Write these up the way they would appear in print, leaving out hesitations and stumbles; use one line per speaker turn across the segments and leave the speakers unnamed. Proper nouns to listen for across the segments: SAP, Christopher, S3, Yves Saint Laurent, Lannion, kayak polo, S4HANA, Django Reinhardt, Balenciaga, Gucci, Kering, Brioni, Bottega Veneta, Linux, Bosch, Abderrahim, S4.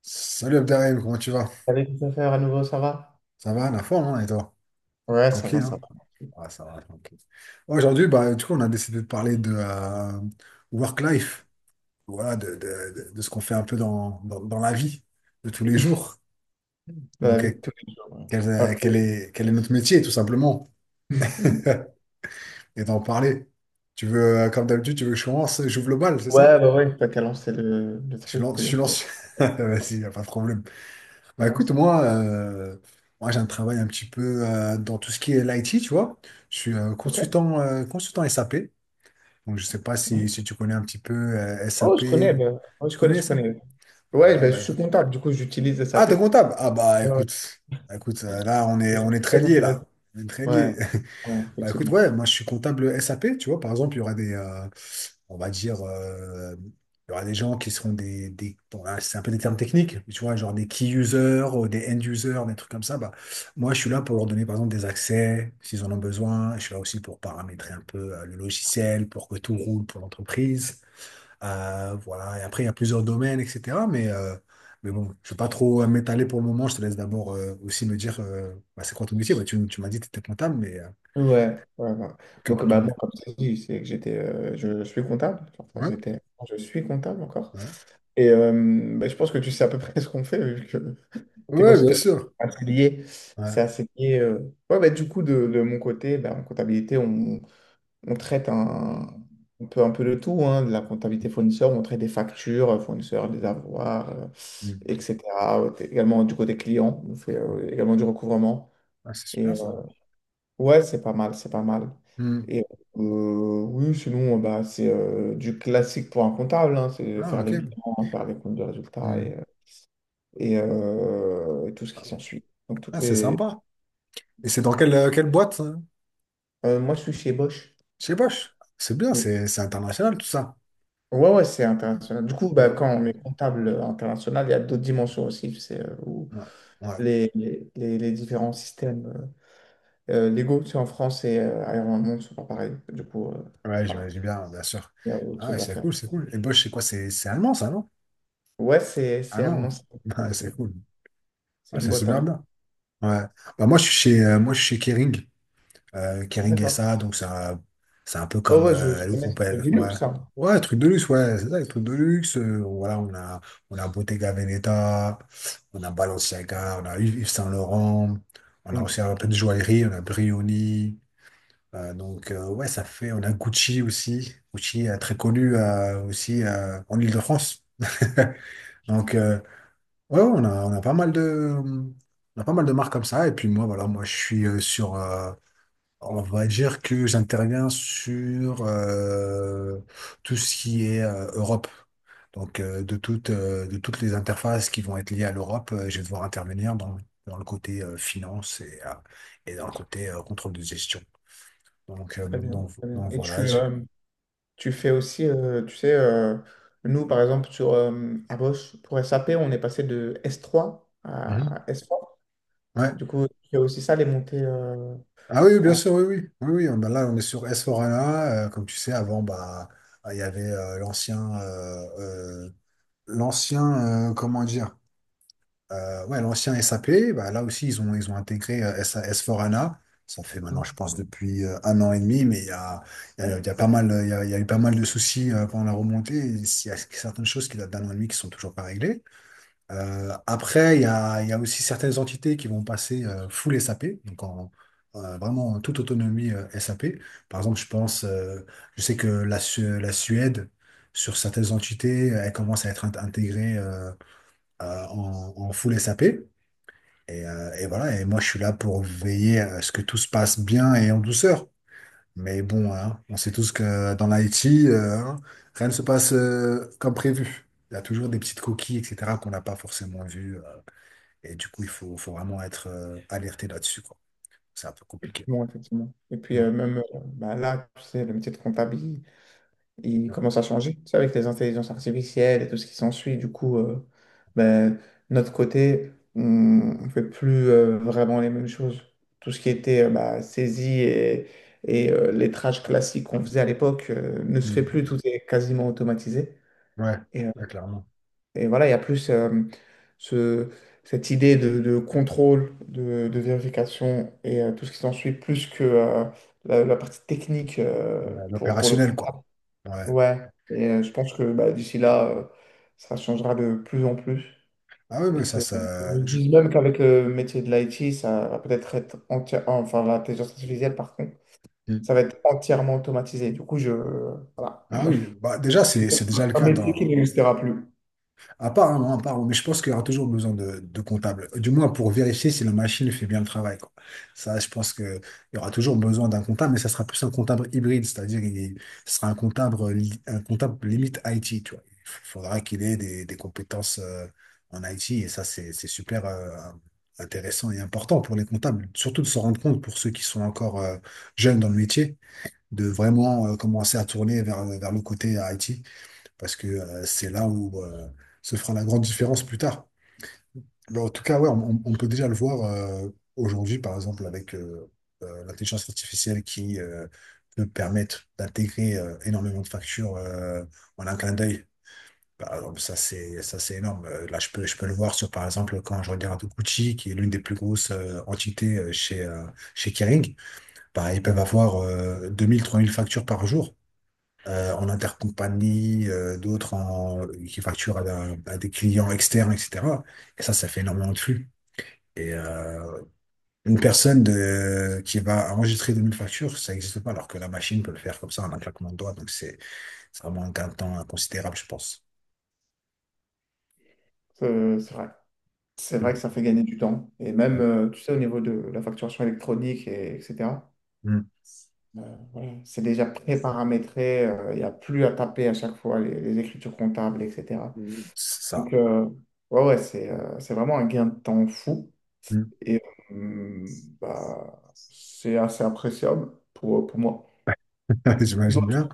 Salut Abderrahim, comment tu vas?
Salut Christopher, à nouveau, ça va?
Ça va, la forme, hein, et toi?
Ouais, ça
Tranquille,
va, ça
hein?
va.
Ah, ça va, tranquille. Aujourd'hui, bah, du coup, on a décidé de parler de work-life, voilà, de ce qu'on fait un peu dans la vie de tous les jours.
Dans la
Donc,
vie de tous les jours. Ouais.
quel, euh,
Alors
quel
que-
est, quel est notre métier, tout simplement, et d'en parler. Tu veux, comme d'habitude, tu veux que je commence, j'ouvre le bal, c'est ça?
ouais, bah ouais, pas qu'à lancer le, truc,
Je suis lancé.
ouais,
Vas-y, y a pas de problème. Bah écoute,
lance, hein.
moi j'ai un travail un petit peu dans tout ce qui est l'IT, tu vois. Je suis
Ok.
consultant SAP. Donc je sais pas
Mhm.
si tu connais un petit peu
Oh, je
SAP.
connais, bah, oh, je
Tu
connais,
connais
je
SAP?
connais.
Ah,
Ouais,
ouais,
bah, je
bah,
suis
écoute.
comptable, du coup, j'utilise
Ah, t'es
SAP.
comptable? Ah bah
Ouais,
écoute, là on est
c'est
très
très
liés
intéressant.
là. On est très
Ouais,
liés.
ouais,
Bah écoute,
effectivement.
ouais, moi je suis comptable SAP, tu vois. Par exemple, il y aura des, on va dire, il y aura des gens qui seront des bon, là, c'est un peu des termes techniques, mais tu vois, genre des key users, ou des end users, des trucs comme ça. Bah, moi, je suis là pour leur donner, par exemple, des accès s'ils en ont besoin. Je suis là aussi pour paramétrer un peu le logiciel pour que tout roule pour l'entreprise. Voilà. Et après, il y a plusieurs domaines, etc. Mais bon, je ne vais pas trop m'étaler pour le moment. Je te laisse d'abord aussi me dire, bah, c'est quoi ton métier? Bah, tu m'as dit que tu étais comptable, mais
Ouais, ouais, ouais.
que
Donc,
peux-tu
bah,
me
moi,
dire?
comme je t'ai dit, c'est que j'étais, je suis comptable. Enfin,
Ouais,
j'étais, je suis comptable encore.
ouais.
Et euh, bah, je pense que tu sais à peu près ce qu'on fait, vu que t'es
Ouais, bien
consultant,
sûr.
c'est assez lié. C'est
Ouais.
assez lié. Ouais, bah, du coup, de mon côté, bah, en comptabilité, on traite un, on peut un peu de tout, hein, de la comptabilité fournisseur, on traite des factures, fournisseurs, des avoirs, etc. Également du côté client, on fait également du recouvrement.
Ah, c'est
Et
super
euh,
ça.
ouais, c'est pas mal, c'est pas mal.
Hmm.
Et oui, sinon, bah, c'est du classique pour un comptable, hein, c'est
Ah,
faire
ok.
les bilans, faire les comptes de résultats
Hmm.
et et tout ce qui s'ensuit. Donc, toutes
Ah, c'est
les...
sympa. Et c'est dans quelle boîte, ça?
Moi, je suis chez Bosch.
Chez Bosch. C'est bien,
Oui.
c'est international tout ça.
Ouais, ouais, c'est international. Du coup, bah,
Bo-
quand on est comptable international, il y a d'autres dimensions aussi, tu sais, où
Ouais, ouais,
les différents systèmes légaux, tu sais, en France et ailleurs dans le monde, ne sont pas pareils. Du coup,
ouais,
voilà,
j'imagine bien, bien sûr.
il y a autre
Ah, ouais,
chose à
c'est
faire.
cool, c'est cool. Et Bosch, c'est quoi? C'est allemand ça, non?
Ouais, c'est
Allemand.
allemand, ça.
Ah, c'est
c'est
cool.
c'est
Ah,
une
c'est
boîte
super
allemande.
bien. Ouais. Bah, moi, je suis chez Kering. Kering
D'accord.
SA, donc c'est un peu
Ouais,
comme
ouais, je
le
connais,
groupe,
c'est
ouais.
Linux, ça.
Ouais, truc de luxe, ouais, c'est ça, les trucs de luxe. Voilà, on a Bottega Veneta, on a Balenciaga, on a Yves Saint Laurent, on a
Mm.
aussi un peu de joaillerie, on a Brioni. Donc, ouais, ça fait, on a Gucci aussi. Gucci, très connu aussi en Île-de-France. Donc, ouais, ouais, on a pas mal de, on a pas mal de marques comme ça. Et puis moi, voilà, moi, je suis sur, on va dire que j'interviens sur tout ce qui est Europe. Donc, de toutes les interfaces qui vont être liées à l'Europe, je vais devoir intervenir dans le côté finance et dans le côté contrôle de gestion. Donc, euh,
Très bien,
donc,
très bien.
donc
Et tu,
voilà.
Tu fais aussi, tu sais, Nous, par exemple, sur, à Bosch, pour SAP, on est passé de S3
Mhm.
à S4.
Ouais.
Du coup, tu fais aussi ça, les montées
Ah oui, bien
en...
sûr, oui, oui. Oui, oui, bah là, on est sur S4HANA. Comme tu sais, avant, bah, il y avait euh, l'ancien, comment dire? Ouais, l'ancien SAP, bah, là aussi, ils ont intégré S4HANA. Ça fait maintenant, je pense, depuis un an et demi, mais il y a eu pas mal de soucis pendant la remontée. Il y a certaines choses qui datent d'un an et demi qui sont toujours pas réglées. Après, il y a aussi certaines entités qui vont passer full SAP, donc en, vraiment en toute autonomie SAP. Par exemple, je pense, je sais que la Suède, sur certaines entités, elle commence à être intégrée en full SAP. Et voilà, et moi je suis là pour veiller à ce que tout se passe bien et en douceur. Mais bon, hein, on sait tous que dans l'IT, hein, rien ne se passe comme prévu. Il y a toujours des petites coquilles, etc., qu'on n'a pas forcément vues. Et du coup, il faut vraiment être alerté là-dessus, quoi. C'est un peu compliqué.
Bon, effectivement. Et puis,
Ouais,
même bah, là, tu sais, le métier de comptabilité. Il
ouais.
commence à changer, tu sais, avec les intelligences artificielles et tout ce qui s'ensuit. Du coup, ben, notre côté, on ne fait plus vraiment les mêmes choses. Tout ce qui était bah, saisie et lettrage classique qu'on faisait à l'époque ne se fait
Hmm.
plus, tout est quasiment automatisé.
Ouais,
Et, euh,
ouais, clairement.
et voilà, il y a plus ce, cette idée de contrôle, de vérification et tout ce qui s'ensuit, plus que la partie technique euh,
Ouais,
pour, pour le
l'opérationnel,
comptable.
quoi. Ouais.
Ouais, je pense que bah, d'ici là, ça changera de plus en plus.
Ah oui, mais
Et que
ça,
Je me
ça.
dis même qu'avec le métier de l'IT, ça va peut-être être entière, enfin l'intelligence artificielle, par contre,
Hmm.
ça va être entièrement automatisé. Du coup, je voilà.
Ah oui, bah, déjà, c'est déjà le
Un
cas
métier qui
dans.
n'existera plus.
À part, hein, non, à part, mais je pense qu'il y aura toujours besoin de comptable. Du moins pour vérifier si la machine fait bien le travail, quoi. Ça, je pense qu'il y aura toujours besoin d'un comptable, mais ça sera plus un comptable hybride, c'est-à-dire il ce sera un comptable limite IT, tu vois. Il faudra qu'il ait des compétences en IT, et ça, c'est super intéressant et important pour les comptables, surtout de se rendre compte pour ceux qui sont encore jeunes dans le métier, de vraiment commencer à tourner vers le côté IT parce que c'est là où se fera la grande différence plus tard. Mais en tout cas, ouais, on peut déjà le voir aujourd'hui, par exemple, avec l'intelligence artificielle qui peut permettre d'intégrer énormément de factures en un clin d'œil. Par exemple, ça, c'est énorme. Là, je peux le voir sur, par exemple, quand je regarde Gucci, qui est l'une des plus grosses entités chez Kering, bah, ils peuvent avoir 2000, 3000 factures par jour en intercompagnie, qui facturent à, à des clients externes, etc. Et ça fait énormément de flux. Et une personne qui va enregistrer 2000 factures, ça n'existe pas, alors que la machine peut le faire comme ça en un claquement de doigts. Donc, c'est vraiment un gain de temps considérable, je pense.
C'est vrai. C'est vrai
Ouais.
que ça fait gagner du temps. Et même, tu sais, au niveau de la facturation électronique, et, etc.
Mm.
Voilà, c'est déjà pré-paramétré. Il n'y a plus à taper à chaque fois les écritures comptables, etc.
Mm. C'est ça.
Donc, ouais, ouais, c'est vraiment un gain de temps fou
Mm.
et euh, bah, c'est assez appréciable pour moi.
J'imagine bien.
D'autres,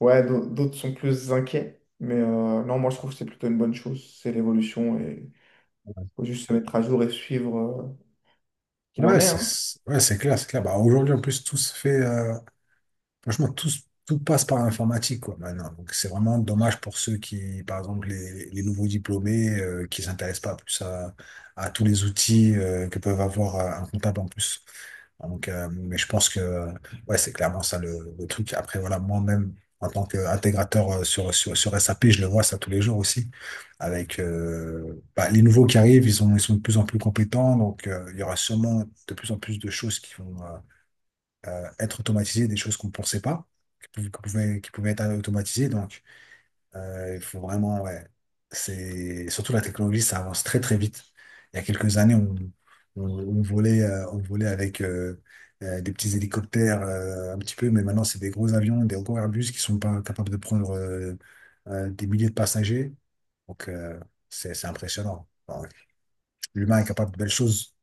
d'autres sont plus inquiets, mais non, moi je trouve que c'est plutôt une bonne chose. C'est l'évolution et il faut juste se mettre à jour et suivre qu'il
Ouais,
en est, hein.
ouais, c'est clair, c'est clair. Bah, aujourd'hui, en plus, tout se fait. Franchement, tout passe par l'informatique, quoi, maintenant. Donc, c'est vraiment dommage pour ceux qui, par exemple, les nouveaux diplômés, qui s'intéressent pas plus à, tous les outils, que peuvent avoir un comptable en plus. Donc, mais je pense que, ouais, c'est clairement ça le truc. Après, voilà, moi-même, en tant qu'intégrateur sur SAP, je le vois ça tous les jours aussi. Avec bah, les nouveaux qui arrivent, ils sont de plus en plus compétents. Donc, il y aura sûrement de plus en plus de choses qui vont, être automatisé des choses qu'on ne pensait pas, qui pouvaient être automatisées. Donc, il faut vraiment, ouais, c'est surtout la technologie, ça avance très très vite. Il y a quelques années, on volait avec des petits hélicoptères un petit peu, mais maintenant, c'est des gros avions, des gros Airbus qui sont pas capables de prendre des milliers de passagers. Donc, c'est impressionnant. Bon, l'humain est capable de belles choses.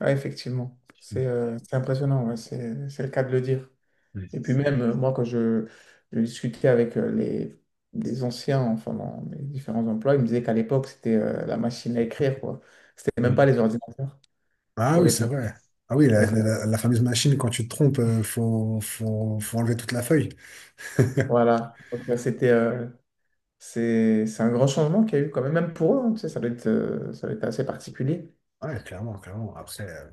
Ouais, effectivement,
Mm,
c'est impressionnant, ouais, c'est le cas de le dire. Et puis même, moi, quand je discutais avec les anciens, enfin, dans mes différents emplois, ils me disaient qu'à l'époque, c'était la machine à écrire, quoi. C'était même
mm.
pas les ordinateurs
Ah
pour
oui,
les
c'est
comptes.
vrai. Ah oui,
Donc,
la fameuse machine, quand tu te trompes, faut enlever toute la feuille.
voilà. Donc, c'était, c'est un grand changement qu'il y a eu quand même, même pour eux, hein, tu sais, ça doit être assez particulier.
Ouais, clairement, clairement. Après,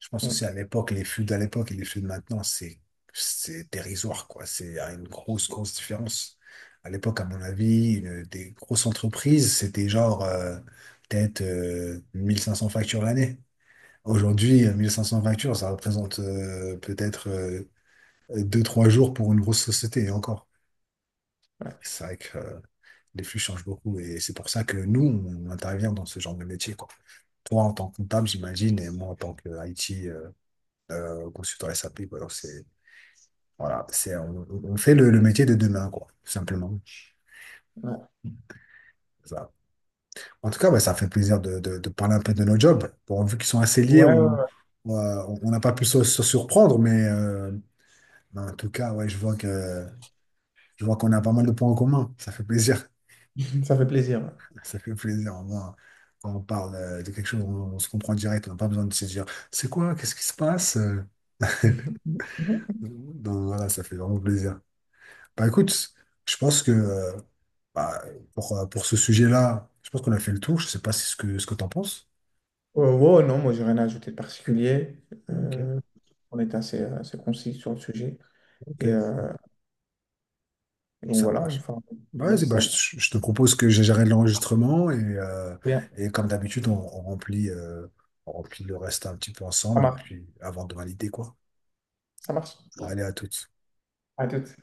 je pense aussi
Mm.
à l'époque, les flux d'à l'époque et les flux de maintenant, c'est dérisoire, quoi. Il y a une grosse, grosse différence. À l'époque, à mon avis, des grosses entreprises, c'était genre, peut-être, 1500 factures l'année. Aujourd'hui, 1500 factures, ça représente, peut-être, deux trois jours pour une grosse société, et encore.
Ouais,
C'est vrai que les flux changent beaucoup et c'est pour ça que nous, on intervient dans ce genre de métier, quoi. Toi, en tant que comptable, j'imagine, et moi, en tant que IT, consultant SAP, quoi. Donc, voilà, on fait le métier de demain, quoi, tout simplement.
ouais,
Ça. En tout cas, ouais, ça fait plaisir de, de parler un peu de nos jobs. Bon, vu qu'ils sont assez liés,
ouais,
on
ouais.
euh, on n'a pas pu se surprendre, mais bah, en tout cas, ouais, je vois qu'on a pas mal de points en commun. Ça fait plaisir.
Ça fait plaisir.
Ça fait plaisir, au moins, quand on parle de quelque chose, on se comprend direct, on n'a pas besoin de se dire, c'est quoi, qu'est-ce qui se passe?
Mhm.
Donc voilà, ça fait vraiment plaisir. Bah écoute, je pense que bah, pour ce sujet-là, je pense qu'on a fait le tour, je sais pas si ce que t'en penses.
Wow, non, moi j'ai rien à ajouter de particulier.
Ok,
Euh, on est assez, assez concis sur le sujet. Et
ok.
euh, donc
Ça
voilà,
marche.
enfin,
Bah,
je
vas-y,
sais
bah,
ça.
je te propose que j'arrête l'enregistrement et comme d'habitude, on remplit le reste un petit peu
Ça
ensemble et
marche.
puis avant de valider, quoi.
Ça marche.
Allez, à toutes.
À tout.